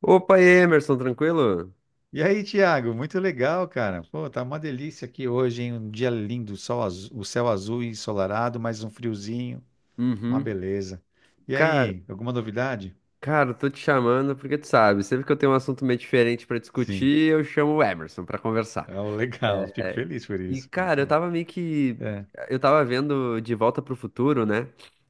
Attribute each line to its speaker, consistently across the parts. Speaker 1: Opa, Emerson, tranquilo?
Speaker 2: E aí, Thiago, muito legal, cara. Pô, tá uma delícia aqui hoje, hein? Um dia lindo, o céu azul e ensolarado, mais um friozinho, uma
Speaker 1: Uhum.
Speaker 2: beleza. E
Speaker 1: Cara,
Speaker 2: aí, alguma novidade?
Speaker 1: cara, eu tô te chamando porque tu sabe, sempre que eu tenho um assunto meio diferente pra
Speaker 2: Sim.
Speaker 1: discutir, eu chamo o Emerson pra conversar.
Speaker 2: É o legal, fico feliz por
Speaker 1: E,
Speaker 2: isso.
Speaker 1: cara, eu
Speaker 2: Muito.
Speaker 1: tava meio que.
Speaker 2: É,
Speaker 1: Eu tava vendo De Volta pro Futuro, né?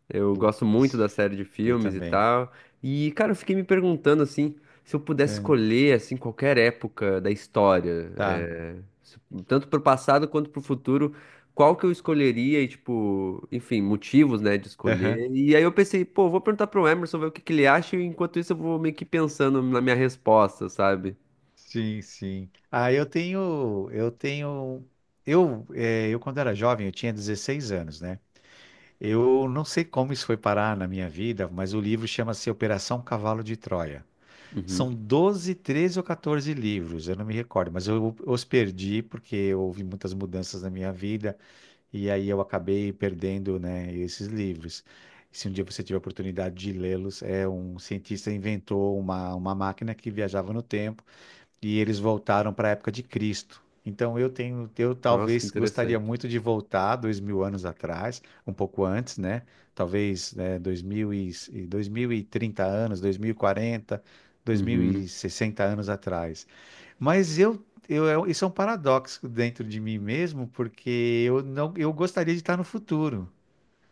Speaker 1: Eu
Speaker 2: putz,
Speaker 1: gosto muito da série de
Speaker 2: eu
Speaker 1: filmes e
Speaker 2: também.
Speaker 1: tal. E, cara, eu fiquei me perguntando, assim, se eu pudesse
Speaker 2: É,
Speaker 1: escolher, assim, qualquer época da história,
Speaker 2: tá.
Speaker 1: se- tanto pro passado quanto pro futuro, qual que eu escolheria e, tipo, enfim, motivos, né, de
Speaker 2: Aham.
Speaker 1: escolher. E aí eu pensei, pô, vou perguntar pro Emerson, ver o que que ele acha, e enquanto isso eu vou meio que pensando na minha resposta, sabe?
Speaker 2: Sim, sim. Ah, eu quando era jovem, eu tinha 16 anos, né? Eu não sei como isso foi parar na minha vida, mas o livro chama-se Operação Cavalo de Troia.
Speaker 1: Uhum.
Speaker 2: São 12, 13 ou 14 livros, eu não me recordo, mas eu os perdi porque houve muitas mudanças na minha vida e aí eu acabei perdendo, né, esses livros. Se um dia você tiver a oportunidade de lê-los, é um cientista inventou uma máquina que viajava no tempo e eles voltaram para a época de Cristo. Então, eu tenho, eu
Speaker 1: Nossa, que
Speaker 2: talvez gostaria
Speaker 1: interessante.
Speaker 2: muito de voltar 2.000 anos atrás, um pouco antes, né? Talvez, né, 2.030 anos, 2.040, dois mil
Speaker 1: Uhum.
Speaker 2: e sessenta anos atrás. Mas isso é um paradoxo dentro de mim mesmo, porque eu gostaria de estar no futuro,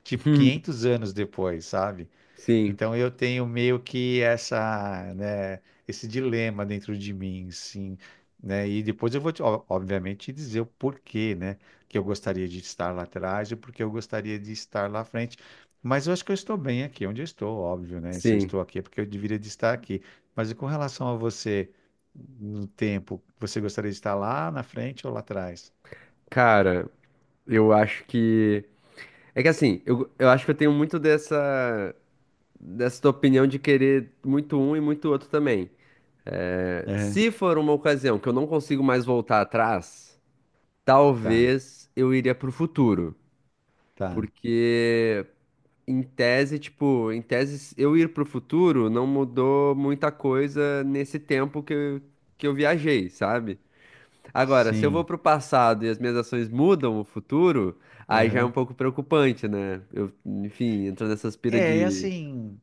Speaker 2: tipo 500 anos depois, sabe?
Speaker 1: Sim.
Speaker 2: Então eu tenho meio que esse dilema dentro de mim, sim, né? E depois eu vou, ó, obviamente, te dizer o porquê, né, que eu gostaria de estar lá atrás e porque eu gostaria de estar lá à frente. Mas eu acho que eu estou bem aqui, onde eu estou, óbvio, né? Se eu
Speaker 1: Sim,
Speaker 2: estou aqui é porque eu deveria de estar aqui. Mas e com relação a você, no tempo, você gostaria de estar lá na frente ou lá atrás?
Speaker 1: cara, eu acho que. É que assim, eu acho que eu tenho muito dessa, dessa tua opinião de querer muito um e muito outro também. É,
Speaker 2: Aham.
Speaker 1: se for uma ocasião que eu não consigo mais voltar atrás,
Speaker 2: Tá,
Speaker 1: talvez eu iria pro futuro.
Speaker 2: tá.
Speaker 1: Porque, em tese, tipo, em tese, eu ir pro futuro não mudou muita coisa nesse tempo que eu viajei, sabe? Agora, se eu vou
Speaker 2: Sim.
Speaker 1: pro passado e as minhas ações mudam o futuro, aí já é um
Speaker 2: Aham.
Speaker 1: pouco preocupante, né? Eu, enfim, entro nessa aspira
Speaker 2: É, é
Speaker 1: de.
Speaker 2: assim.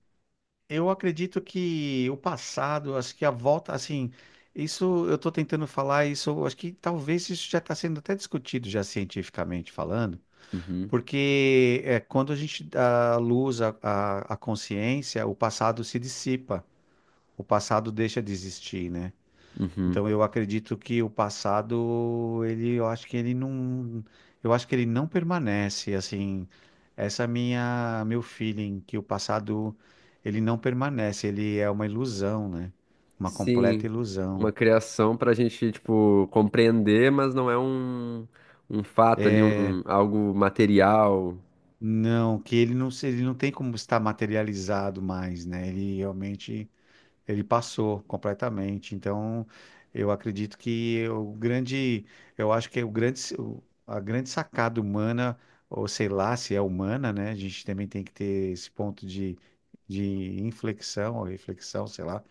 Speaker 2: Eu acredito que o passado, acho que a volta, assim, isso eu estou tentando falar, isso eu acho que talvez isso já está sendo até discutido já cientificamente falando,
Speaker 1: Uhum,
Speaker 2: porque é, quando a gente dá luz à consciência, o passado se dissipa, o passado deixa de existir, né?
Speaker 1: uhum.
Speaker 2: Então eu acredito que o passado, ele, eu acho que ele não permanece, assim, essa é meu feeling que o passado ele não permanece, ele é uma ilusão, né? Uma completa
Speaker 1: Sim, uma
Speaker 2: ilusão.
Speaker 1: criação pra gente, tipo, compreender, mas não é um, um fato ali, um,
Speaker 2: É,
Speaker 1: algo material.
Speaker 2: não, que ele não, ele não tem como estar materializado mais, né? Ele realmente. Ele passou completamente. Então, eu acredito que o grande, eu acho que é a grande sacada humana, ou sei lá se é humana, né? A gente também tem que ter esse ponto de inflexão ou reflexão, sei lá,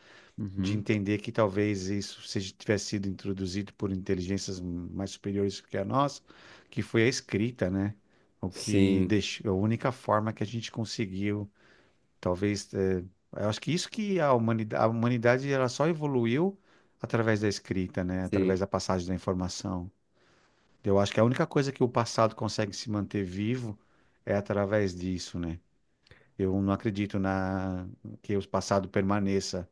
Speaker 2: de
Speaker 1: Uhum.
Speaker 2: entender que talvez isso seja, tivesse sido introduzido por inteligências mais superiores que a nossa, que foi a escrita, né? O que
Speaker 1: Sim,
Speaker 2: deixou, a única forma que a gente conseguiu. Talvez, eu acho que isso que a humanidade ela só evoluiu através da escrita, né?
Speaker 1: sim.
Speaker 2: Através da passagem da informação. Eu acho que a única coisa que o passado consegue se manter vivo é através disso, né? Eu não acredito na que o passado permaneça,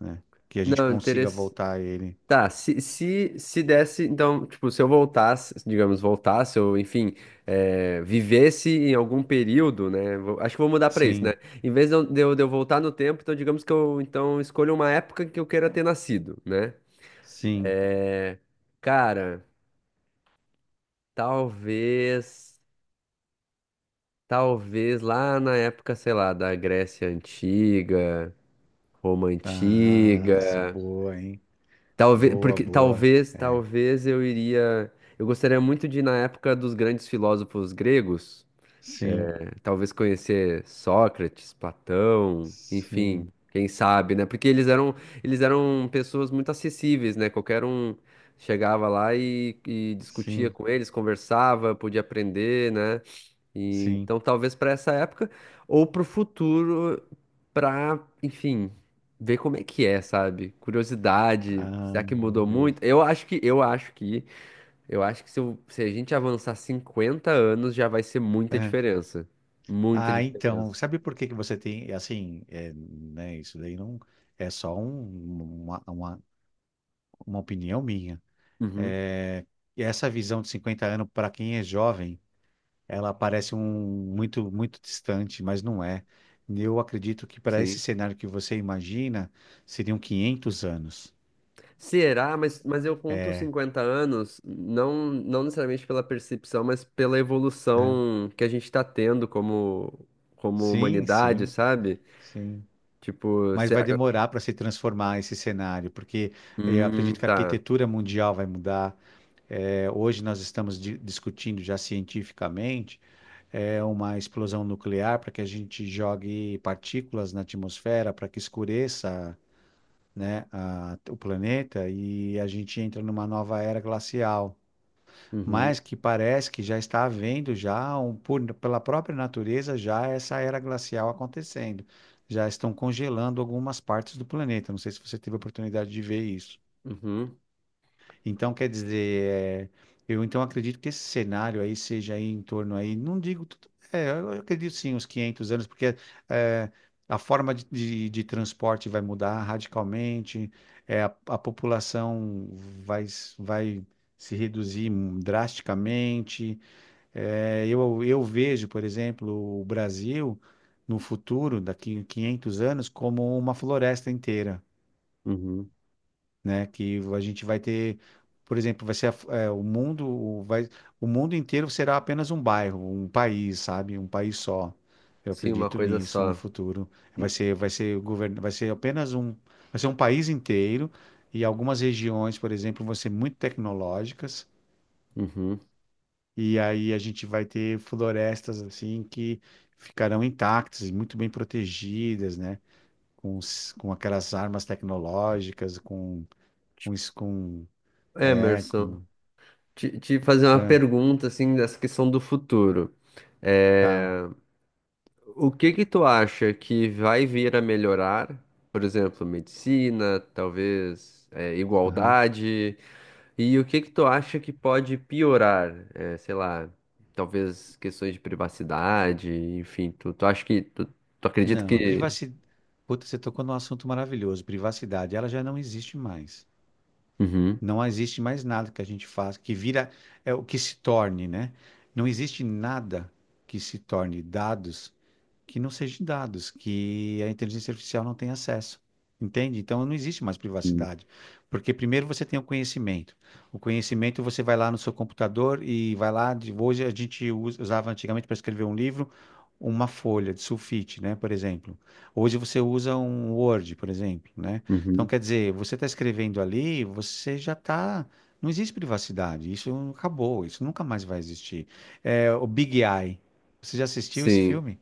Speaker 2: né? Que a gente
Speaker 1: Não,
Speaker 2: consiga voltar a ele.
Speaker 1: Tá, se desse, então, tipo, se eu voltasse, digamos, voltasse, ou enfim, vivesse em algum período, né? Acho que vou mudar pra isso, né?
Speaker 2: Sim,
Speaker 1: Em vez de eu voltar no tempo, então, digamos que eu então escolho uma época que eu queira ter nascido, né?
Speaker 2: sim.
Speaker 1: Cara, talvez, talvez lá na época, sei lá, da Grécia Antiga, Roma
Speaker 2: Ah, isso,
Speaker 1: Antiga.
Speaker 2: boa, hein?
Speaker 1: Talvez,
Speaker 2: Boa,
Speaker 1: porque
Speaker 2: boa.
Speaker 1: talvez,
Speaker 2: É.
Speaker 1: talvez eu iria. Eu gostaria muito de ir na época dos grandes filósofos gregos,
Speaker 2: Sim,
Speaker 1: né? Talvez conhecer Sócrates, Platão, enfim,
Speaker 2: sim,
Speaker 1: quem sabe, né? Porque eles eram pessoas muito acessíveis, né? Qualquer um chegava lá e discutia
Speaker 2: sim,
Speaker 1: com eles, conversava, podia aprender, né? E,
Speaker 2: sim.
Speaker 1: então, talvez para essa época ou para o futuro, para, enfim, ver como é que é, sabe? Curiosidade,
Speaker 2: Ah,
Speaker 1: será que mudou
Speaker 2: eu.
Speaker 1: muito? Eu acho que, eu acho que, eu acho que se, se a gente avançar 50 anos já vai ser muita diferença. Muita
Speaker 2: Ah, então,
Speaker 1: diferença.
Speaker 2: sabe por que que você tem, é assim, é, né, isso daí não é só uma opinião minha.
Speaker 1: Uhum,
Speaker 2: É, e essa visão de 50 anos, para quem é jovem, ela parece um muito, muito distante, mas não é. Eu acredito que para esse
Speaker 1: sim.
Speaker 2: cenário que você imagina, seriam 500 anos.
Speaker 1: Será? Mas eu conto os
Speaker 2: É,
Speaker 1: 50 anos não, não necessariamente pela percepção, mas pela
Speaker 2: é.
Speaker 1: evolução que a gente está tendo como, como
Speaker 2: Sim,
Speaker 1: humanidade,
Speaker 2: sim,
Speaker 1: sabe?
Speaker 2: sim.
Speaker 1: Tipo,
Speaker 2: Mas vai
Speaker 1: será-
Speaker 2: demorar para se transformar esse cenário, porque eu acredito que a
Speaker 1: Tá.
Speaker 2: arquitetura mundial vai mudar. É, hoje nós estamos discutindo já cientificamente é, uma explosão nuclear para que a gente jogue partículas na atmosfera para que escureça, né, o planeta e a gente entra numa nova era glacial.
Speaker 1: Uhum,
Speaker 2: Mas que parece que já está havendo já pela própria natureza já essa era glacial acontecendo. Já estão congelando algumas partes do planeta. Não sei se você teve a oportunidade de ver isso.
Speaker 1: uhum,
Speaker 2: Então, quer dizer, é, eu então acredito que esse cenário aí seja aí em torno aí, não digo, é, eu acredito sim, uns 500 anos, porque é, a forma de transporte vai mudar radicalmente, é, a população vai se reduzir drasticamente. É, eu vejo, por exemplo, o Brasil no futuro, daqui a 500 anos, como uma floresta inteira,
Speaker 1: uhum.
Speaker 2: né? Que a gente vai ter, por exemplo, vai ser é, o mundo inteiro será apenas um bairro, um país, sabe? Um país só. Eu
Speaker 1: Sim, uma
Speaker 2: acredito
Speaker 1: coisa
Speaker 2: nisso no
Speaker 1: só.
Speaker 2: futuro. Vai
Speaker 1: E-
Speaker 2: ser, vai ser o governo, vai ser um país inteiro e algumas regiões, por exemplo, vão ser muito tecnológicas
Speaker 1: Uhum.
Speaker 2: e aí a gente vai ter florestas assim que ficarão intactas e muito bem protegidas, né? Com aquelas armas tecnológicas, com, isso- com é,
Speaker 1: Emerson,
Speaker 2: com.
Speaker 1: te fazer uma
Speaker 2: É,
Speaker 1: pergunta, assim, dessa questão do futuro.
Speaker 2: tá.
Speaker 1: É, o que que tu acha que vai vir a melhorar? Por exemplo, medicina, talvez, é,
Speaker 2: Aham.
Speaker 1: igualdade. E o que que tu acha que pode piorar? É, sei lá, talvez questões de privacidade, enfim. Tu, tu acha que... Tu, tu acredita
Speaker 2: Não, a
Speaker 1: que...
Speaker 2: privacidade. Puta, você tocou num assunto maravilhoso. Privacidade, ela já não existe mais.
Speaker 1: Uhum.
Speaker 2: Não existe mais nada que a gente faça, que vira, é o que se torne, né? Não existe nada que se torne dados que não seja dados, que a inteligência artificial não tem acesso. Entende? Então não existe mais
Speaker 1: Uhum.
Speaker 2: privacidade. Porque primeiro você tem o conhecimento. O conhecimento você vai lá no seu computador e vai lá. Hoje a gente usava antigamente para escrever um livro. Uma folha de sulfite, né, por exemplo. Hoje você usa um Word, por exemplo, né? Então,
Speaker 1: Uhum.
Speaker 2: quer dizer, você está escrevendo ali, você já está. Não existe privacidade, isso acabou, isso nunca mais vai existir. É, o Big Eye. Você já assistiu esse
Speaker 1: Sim.
Speaker 2: filme?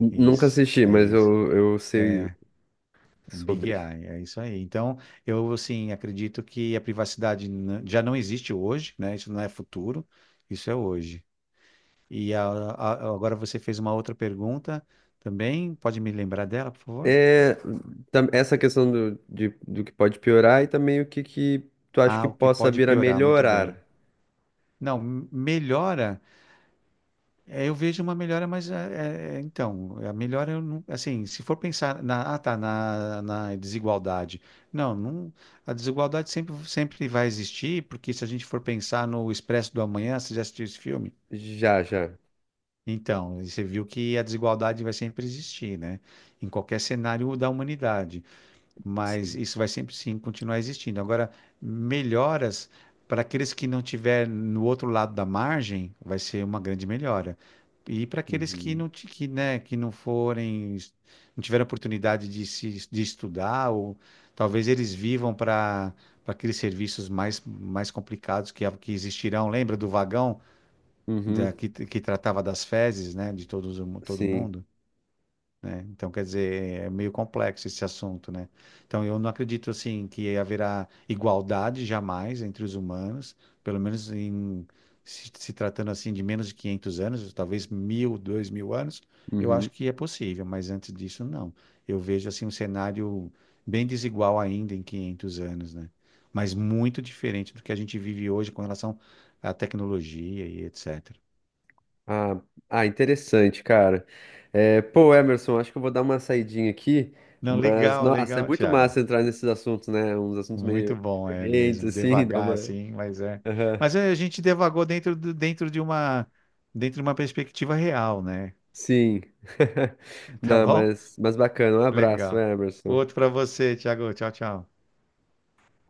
Speaker 1: Nunca
Speaker 2: Isso,
Speaker 1: assisti,
Speaker 2: é
Speaker 1: mas
Speaker 2: isso.
Speaker 1: eu sei
Speaker 2: O Big
Speaker 1: sobre.
Speaker 2: Eye, é isso aí. Então, eu, assim, acredito que a privacidade já não existe hoje, né? Isso não é futuro, isso é hoje. E agora você fez uma outra pergunta também. Pode me lembrar dela, por favor?
Speaker 1: É, essa questão do, do que pode piorar e também o que, que tu acha que
Speaker 2: Ah, o que
Speaker 1: possa
Speaker 2: pode
Speaker 1: vir a
Speaker 2: piorar, muito bem.
Speaker 1: melhorar.
Speaker 2: Não, melhora, eu vejo uma melhora, mas então, a melhora eu não, assim, se for pensar ah, tá, na desigualdade. Não, não, a desigualdade sempre, sempre vai existir, porque se a gente for pensar no Expresso do Amanhã, você já assistiu esse filme?
Speaker 1: Já, já.
Speaker 2: Então, você viu que a desigualdade vai sempre existir, né? Em qualquer cenário da humanidade. Mas
Speaker 1: Sim.
Speaker 2: isso vai sempre sim continuar existindo. Agora, melhoras para aqueles que não tiver no outro lado da margem, vai ser uma grande melhora. E para aqueles que
Speaker 1: Uhum.
Speaker 2: não, que, né, que não forem, não tiveram oportunidade de se de estudar, ou talvez eles vivam para aqueles serviços mais, mais complicados que existirão. Lembra do vagão da,
Speaker 1: Uhum.
Speaker 2: que tratava das fezes, né, de todos, todo
Speaker 1: Sim.
Speaker 2: mundo? Então, quer dizer, é meio complexo esse assunto, né? Então, eu não acredito, assim, que haverá igualdade jamais entre os humanos, pelo menos em se tratando, assim, de menos de 500 anos, talvez 1.000, 2.000 anos, eu
Speaker 1: Uhum.
Speaker 2: acho que é possível, mas antes disso, não. Eu vejo, assim, um cenário bem desigual ainda em 500 anos, né? Mas muito diferente do que a gente vive hoje com relação à tecnologia e etc.
Speaker 1: Ah, ah, interessante, cara. É, pô, Emerson, acho que eu vou dar uma saidinha aqui,
Speaker 2: Não,
Speaker 1: mas,
Speaker 2: legal,
Speaker 1: nossa, é
Speaker 2: legal,
Speaker 1: muito
Speaker 2: Thiago.
Speaker 1: massa entrar nesses assuntos, né? Uns assuntos
Speaker 2: Muito
Speaker 1: meio
Speaker 2: bom, é
Speaker 1: diferentes,
Speaker 2: mesmo.
Speaker 1: assim, dá
Speaker 2: Devagar,
Speaker 1: uma.
Speaker 2: assim, mas é.
Speaker 1: Aham.
Speaker 2: Mas é, a gente devagou dentro, dentro de uma perspectiva real, né?
Speaker 1: Sim.
Speaker 2: Tá
Speaker 1: Não,
Speaker 2: bom?
Speaker 1: mas bacana. Um abraço,
Speaker 2: Legal.
Speaker 1: Emerson.
Speaker 2: Outro para você, Thiago. Tchau, tchau.